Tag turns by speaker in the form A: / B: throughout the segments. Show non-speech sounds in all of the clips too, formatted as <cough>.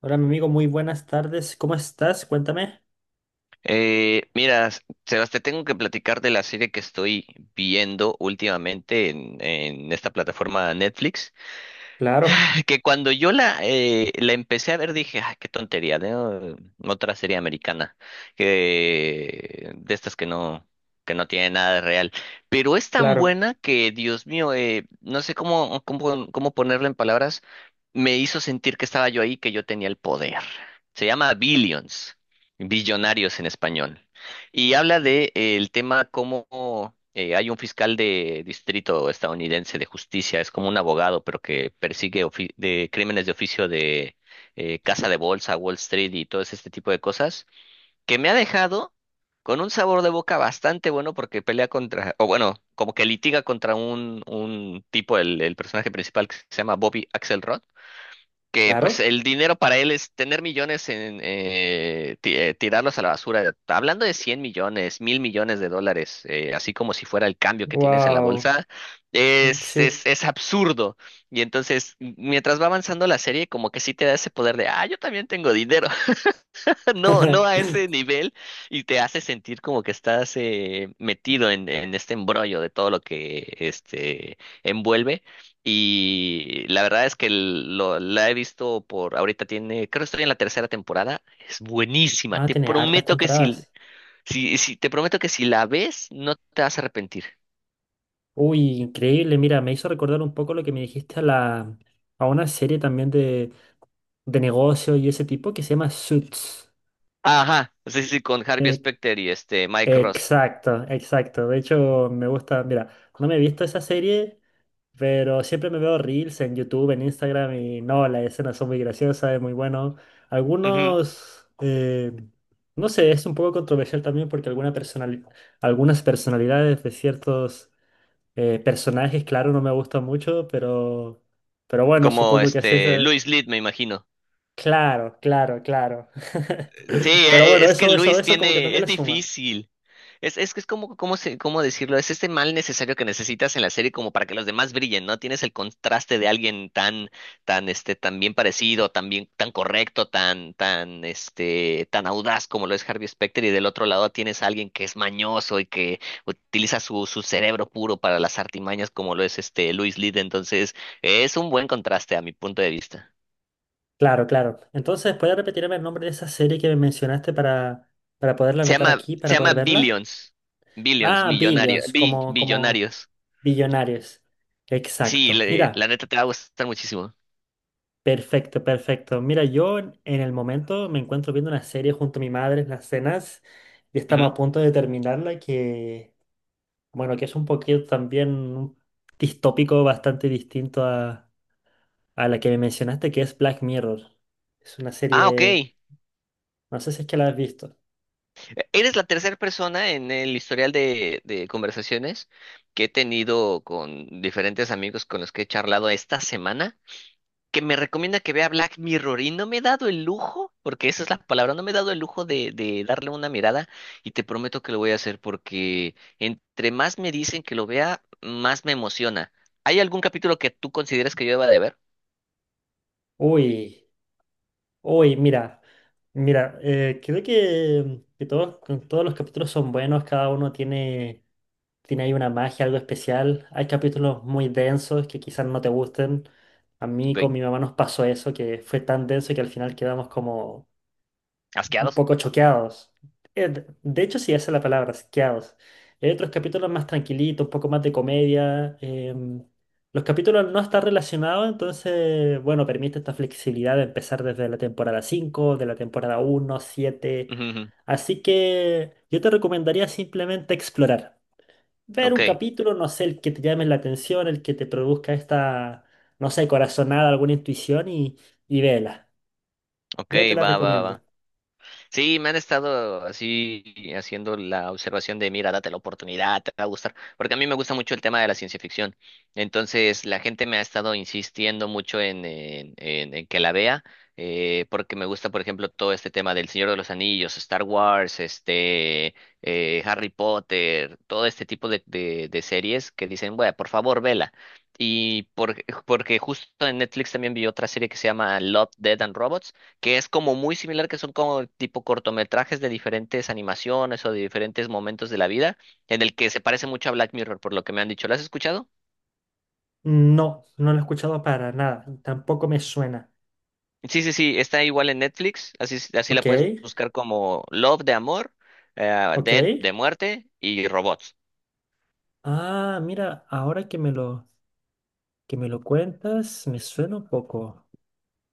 A: Hola, mi amigo, muy buenas tardes. ¿Cómo estás? Cuéntame.
B: Eh, mira, S- Sebas, te tengo que platicar de la serie que estoy viendo últimamente en esta plataforma Netflix.
A: Claro,
B: <laughs> Que cuando yo la empecé a ver dije, ay, qué tontería, ¿no? Otra serie americana, que, de estas que no tiene nada de real. Pero es tan
A: claro,
B: buena que, Dios mío, no sé cómo ponerlo en palabras, me hizo sentir que estaba yo ahí, que yo tenía el poder. Se llama Billions, Billonarios en español. Y habla de el tema cómo hay un fiscal de distrito estadounidense de justicia, es como un abogado, pero que persigue de crímenes de oficio de casa de bolsa, Wall Street y todo este tipo de cosas, que me ha dejado con un sabor de boca bastante bueno porque pelea contra, o bueno, como que litiga contra un tipo, el personaje principal que se llama Bobby Axelrod, que pues
A: claro.
B: el dinero para él es tener millones en tirarlos a la basura. Hablando de 100 millones, mil millones de dólares, así como si fuera el cambio que tienes en la
A: Wow.
B: bolsa. es,
A: Sí.
B: es, es absurdo. Y entonces, mientras va avanzando la serie, como que sí te da ese poder de, ah, yo también tengo dinero. <laughs> No, no a
A: <laughs>
B: ese nivel, y te hace sentir como que estás metido en este embrollo de todo lo que este envuelve. Y la verdad es que la he visto por ahorita tiene, creo que estoy en la tercera temporada. Es buenísima.
A: Ah,
B: Te
A: tiene hartas
B: prometo que si,
A: temporadas.
B: si, si te prometo que si la ves, no te vas a arrepentir.
A: Uy, increíble. Mira, me hizo recordar un poco lo que me dijiste a una serie también de negocio y ese tipo que se llama Suits.
B: Ajá, sí, sí, con Harvey
A: Eh,
B: Specter y este Mike Ross.
A: exacto, exacto. De hecho, me gusta. Mira, no me he visto esa serie. Pero siempre me veo reels en YouTube, en Instagram y no, las escenas son muy graciosas, es muy bueno.
B: Ujú.
A: Algunos, no sé, es un poco controversial también porque algunas personalidades de ciertos personajes, claro, no me gustan mucho, pero bueno,
B: Como
A: supongo que así es.
B: este Louis Litt, me imagino.
A: Claro, claro, claro. <laughs>
B: Sí,
A: Pero bueno,
B: es que Luis
A: eso como que
B: tiene,
A: también
B: es
A: le suma.
B: difícil. Es que es como, ¿cómo se, cómo decirlo? Es este mal necesario que necesitas en la serie como para que los demás brillen, ¿no? Tienes el contraste de alguien este, tan bien parecido, tan bien, tan correcto, este, tan audaz como lo es Harvey Specter, y del otro lado tienes a alguien que es mañoso y que utiliza su cerebro puro para las artimañas como lo es este Luis Lid. Entonces, es un buen contraste a mi punto de vista.
A: Claro, claro. Entonces, ¿puedes repetirme el nombre de esa serie que me mencionaste para poderla anotar aquí,
B: Se
A: para
B: llama
A: poder verla?
B: Billions. Billions,
A: Ah,
B: millonario,
A: billions, como
B: billonarios.
A: billonarios.
B: Sí,
A: Exacto.
B: la
A: Mira,
B: neta te va a gustar muchísimo.
A: perfecto, perfecto. Mira, yo en el momento me encuentro viendo una serie junto a mi madre en las cenas y estamos
B: Ujú.
A: a punto de terminarla bueno, que es un poquito también un distópico bastante distinto a la que me mencionaste, que es Black Mirror. Es una
B: Ah, ok.
A: serie, no sé si es que la has visto.
B: Eres la tercera persona en el historial de conversaciones que he tenido con diferentes amigos con los que he charlado esta semana que me recomienda que vea Black Mirror, y no me he dado el lujo, porque esa es la palabra, no me he dado el lujo de darle una mirada, y te prometo que lo voy a hacer porque entre más me dicen que lo vea, más me emociona. ¿Hay algún capítulo que tú consideres que yo deba de ver?
A: Uy. Uy, mira, mira, creo que, todos, que todos los capítulos son buenos, cada uno tiene ahí una magia, algo especial. Hay capítulos muy densos que quizás no te gusten. A mí
B: Ok,
A: con mi mamá nos pasó eso, que fue tan denso que al final quedamos como un
B: asqueados.
A: poco choqueados. De hecho, sí, esa es la palabra, choqueados. Hay otros capítulos más tranquilitos, un poco más de comedia. Los capítulos no están relacionados, entonces, bueno, permite esta flexibilidad de empezar desde la temporada 5 de la temporada uno siete.
B: <laughs> Ujú, ujú.
A: Así que yo te recomendaría simplemente explorar. Ver
B: Ok,
A: un capítulo, no sé, el que te llame la atención, el que te produzca no sé, corazonada, alguna intuición y vela.
B: ok,
A: Yo te la
B: va, va,
A: recomiendo.
B: va. Sí, me han estado así haciendo la observación de, mira, date la oportunidad, te va a gustar, porque a mí me gusta mucho el tema de la ciencia ficción. Entonces, la gente me ha estado insistiendo mucho en que la vea, porque me gusta, por ejemplo, todo este tema del Señor de los Anillos, Star Wars, este, Harry Potter, todo este tipo de series que dicen, bueno, por favor, vela. Y por- Porque justo en Netflix también vi otra serie que se llama Love, Dead and Robots, que es como muy similar, que son como tipo cortometrajes de diferentes animaciones o de diferentes momentos de la vida, en el que se parece mucho a Black Mirror, por lo que me han dicho. ¿Lo has escuchado?
A: No, no lo he escuchado para nada. Tampoco me suena.
B: Sí, sí, sí, está igual en Netflix, así, así la
A: Ok,
B: puedes buscar como Love de amor,
A: ok.
B: Dead de muerte, y robots.
A: Ah, mira, ahora que me lo cuentas, me suena un poco.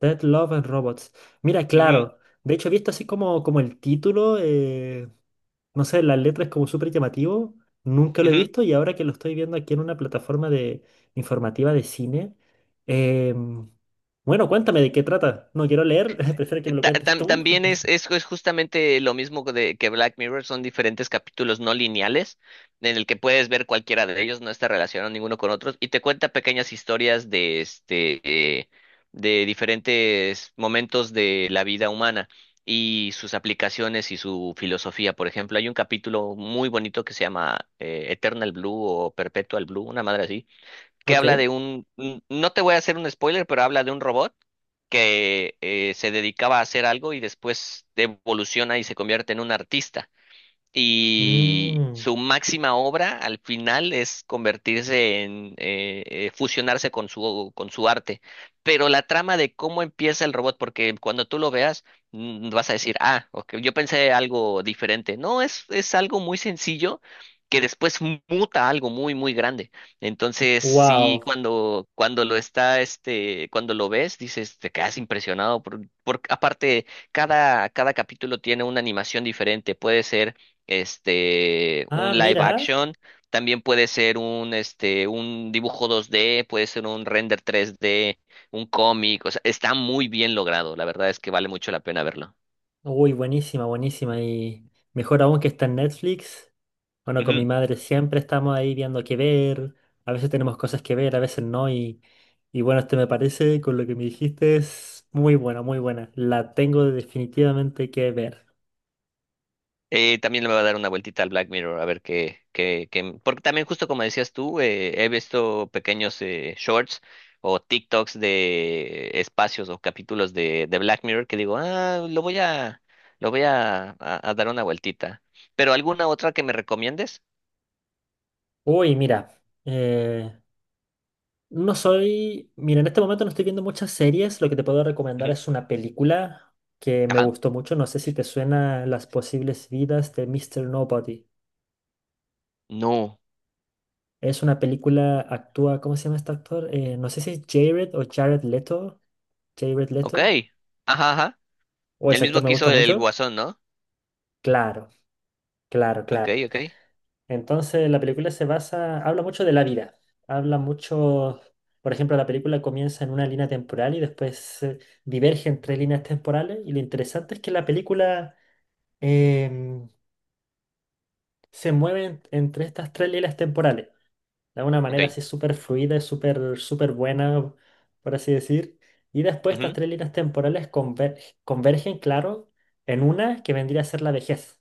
A: Dead Love and Robots. Mira,
B: Ujú,
A: claro. De hecho, he visto así como, como el título, no sé, las letras como súper llamativo. Nunca lo he
B: ujú.
A: visto y ahora que lo estoy viendo aquí en una plataforma de informativa de cine. em, bueno, cuéntame de qué trata. No quiero leer, <laughs> prefiero que me lo cuentes tú.
B: También
A: <laughs>
B: es justamente lo mismo que Black Mirror, son diferentes capítulos no lineales en el que puedes ver cualquiera de ellos, no está relacionado ninguno con otros, y te cuenta pequeñas historias de, de diferentes momentos de la vida humana y sus aplicaciones y su filosofía. Por ejemplo, hay un capítulo muy bonito que se llama Eternal Blue o Perpetual Blue, una madre así que habla de
A: Ok.
B: no te voy a hacer un spoiler, pero habla de un robot que se dedicaba a hacer algo y después evoluciona y se convierte en un artista, y
A: Mm.
B: su máxima obra al final es convertirse en fusionarse con su arte. Pero la trama de cómo empieza el robot, porque cuando tú lo veas vas a decir, ah, ok, yo pensé algo diferente. No, es algo muy sencillo que después muta a algo muy muy grande. Entonces, sí,
A: Wow.
B: cuando cuando lo está este cuando lo ves dices, te quedas impresionado por aparte cada capítulo tiene una animación diferente, puede ser este,
A: Ah,
B: un live
A: mira.
B: action, también puede ser un, este, un dibujo 2D, puede ser un render 3D, un cómic, o sea, está muy bien logrado, la verdad es que vale mucho la pena verlo.
A: Uy, buenísima, buenísima. Y mejor aún que está en Netflix. Bueno, con mi
B: Ujú.
A: madre siempre estamos ahí viendo qué ver. A veces tenemos cosas que ver, a veces no. Y bueno, este me parece, con lo que me dijiste, es muy buena, muy buena. La tengo definitivamente que ver.
B: También le voy a dar una vueltita al Black Mirror, a ver qué, porque también justo como decías tú, he visto pequeños shorts o TikToks de espacios o capítulos de Black Mirror que digo, ah, lo voy a, a dar una vueltita. ¿Pero alguna otra que me recomiendes?
A: Uy, mira. eh, no soy. Mira, en este momento no estoy viendo muchas series. Lo que te puedo recomendar
B: Ujú.
A: es una película que me
B: Ajá.
A: gustó mucho. No sé si te suena Las posibles vidas de Mr. Nobody.
B: No.
A: Es una película, actúa, ¿cómo se llama este actor? No sé si es Jared o Jared Leto. Jared
B: Ok.
A: Leto.
B: Ajá, ajá.
A: O
B: El
A: ese
B: mismo
A: actor me
B: que
A: gusta
B: hizo el
A: mucho.
B: Guasón, ¿no?
A: Claro, claro,
B: Ok,
A: claro.
B: ok.
A: Entonces la película habla mucho de la vida. Habla mucho, por ejemplo, la película comienza en una línea temporal y después diverge entre líneas temporales. Y lo interesante es que la película em, se mueve entre estas tres líneas temporales, de alguna
B: Ok.
A: manera así súper fluida y súper súper buena, por así decir. Y después estas
B: Ujú.
A: tres líneas temporales convergen, claro, en una que vendría a ser la vejez.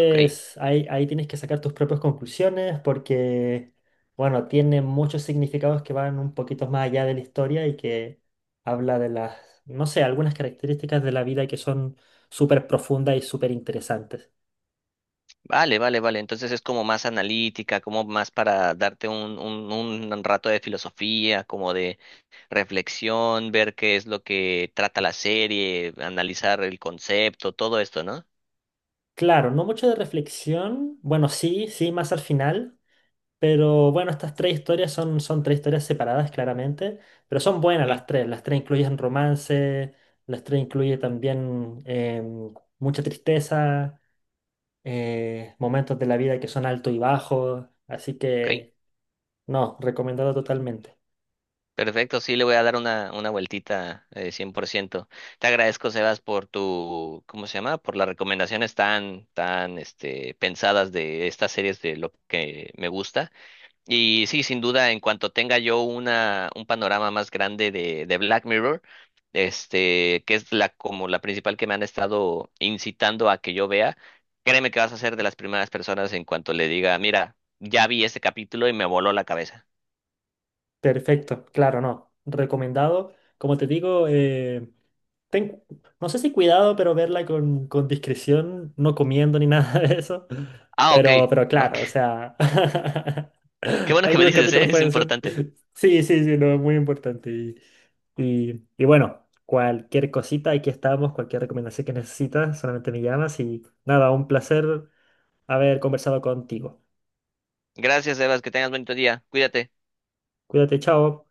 B: Ok.
A: ahí tienes que sacar tus propias conclusiones porque, bueno, tiene muchos significados que van un poquito más allá de la historia y que habla de las, no sé, algunas características de la vida que son súper profundas y súper interesantes.
B: Vale, vale, vale. Entonces es como más analítica, como más para darte un rato de filosofía, como de reflexión, ver qué es lo que trata la serie, analizar el concepto, todo esto, ¿no?
A: Claro, no mucho de reflexión, bueno, sí, sí, más al final. Pero bueno, estas tres historias son, son tres historias separadas claramente, pero son buenas
B: Ujú.
A: las tres. Las tres incluyen romance, las tres incluyen también mucha tristeza, momentos de la vida que son alto y bajo. Así
B: Ok.
A: que no, recomendado totalmente.
B: Perfecto, sí, le voy a dar una vueltita, 100%. Te agradezco, Sebas, por tu, ¿cómo se llama? Por las recomendaciones este, pensadas de estas series de lo que me gusta. Y sí, sin duda, en cuanto tenga yo una, un panorama más grande de Black Mirror, este, que es la, como la principal que me han estado incitando a que yo vea, créeme que vas a ser de las primeras personas en cuanto le diga, mira, ya vi este capítulo y me voló la cabeza.
A: Perfecto, claro, no. Recomendado. Como te digo, ten- no sé si cuidado, pero verla con discreción, no comiendo ni <laughs> nada de eso.
B: Ah, ok.
A: Pero
B: Ok,
A: claro, o sea,
B: qué
A: <laughs>
B: bueno que me
A: algunos
B: dices, ¿eh?
A: capítulos
B: Es
A: pueden ser.
B: importante.
A: Sí, sí, sí, no, es muy importante. Y bueno, cualquier cosita, aquí estamos, cualquier recomendación que necesitas, solamente me llamas y nada, un placer haber conversado contigo.
B: Gracias, Evas, que tengas bonito día. Cuídate.
A: Cuídate, chao.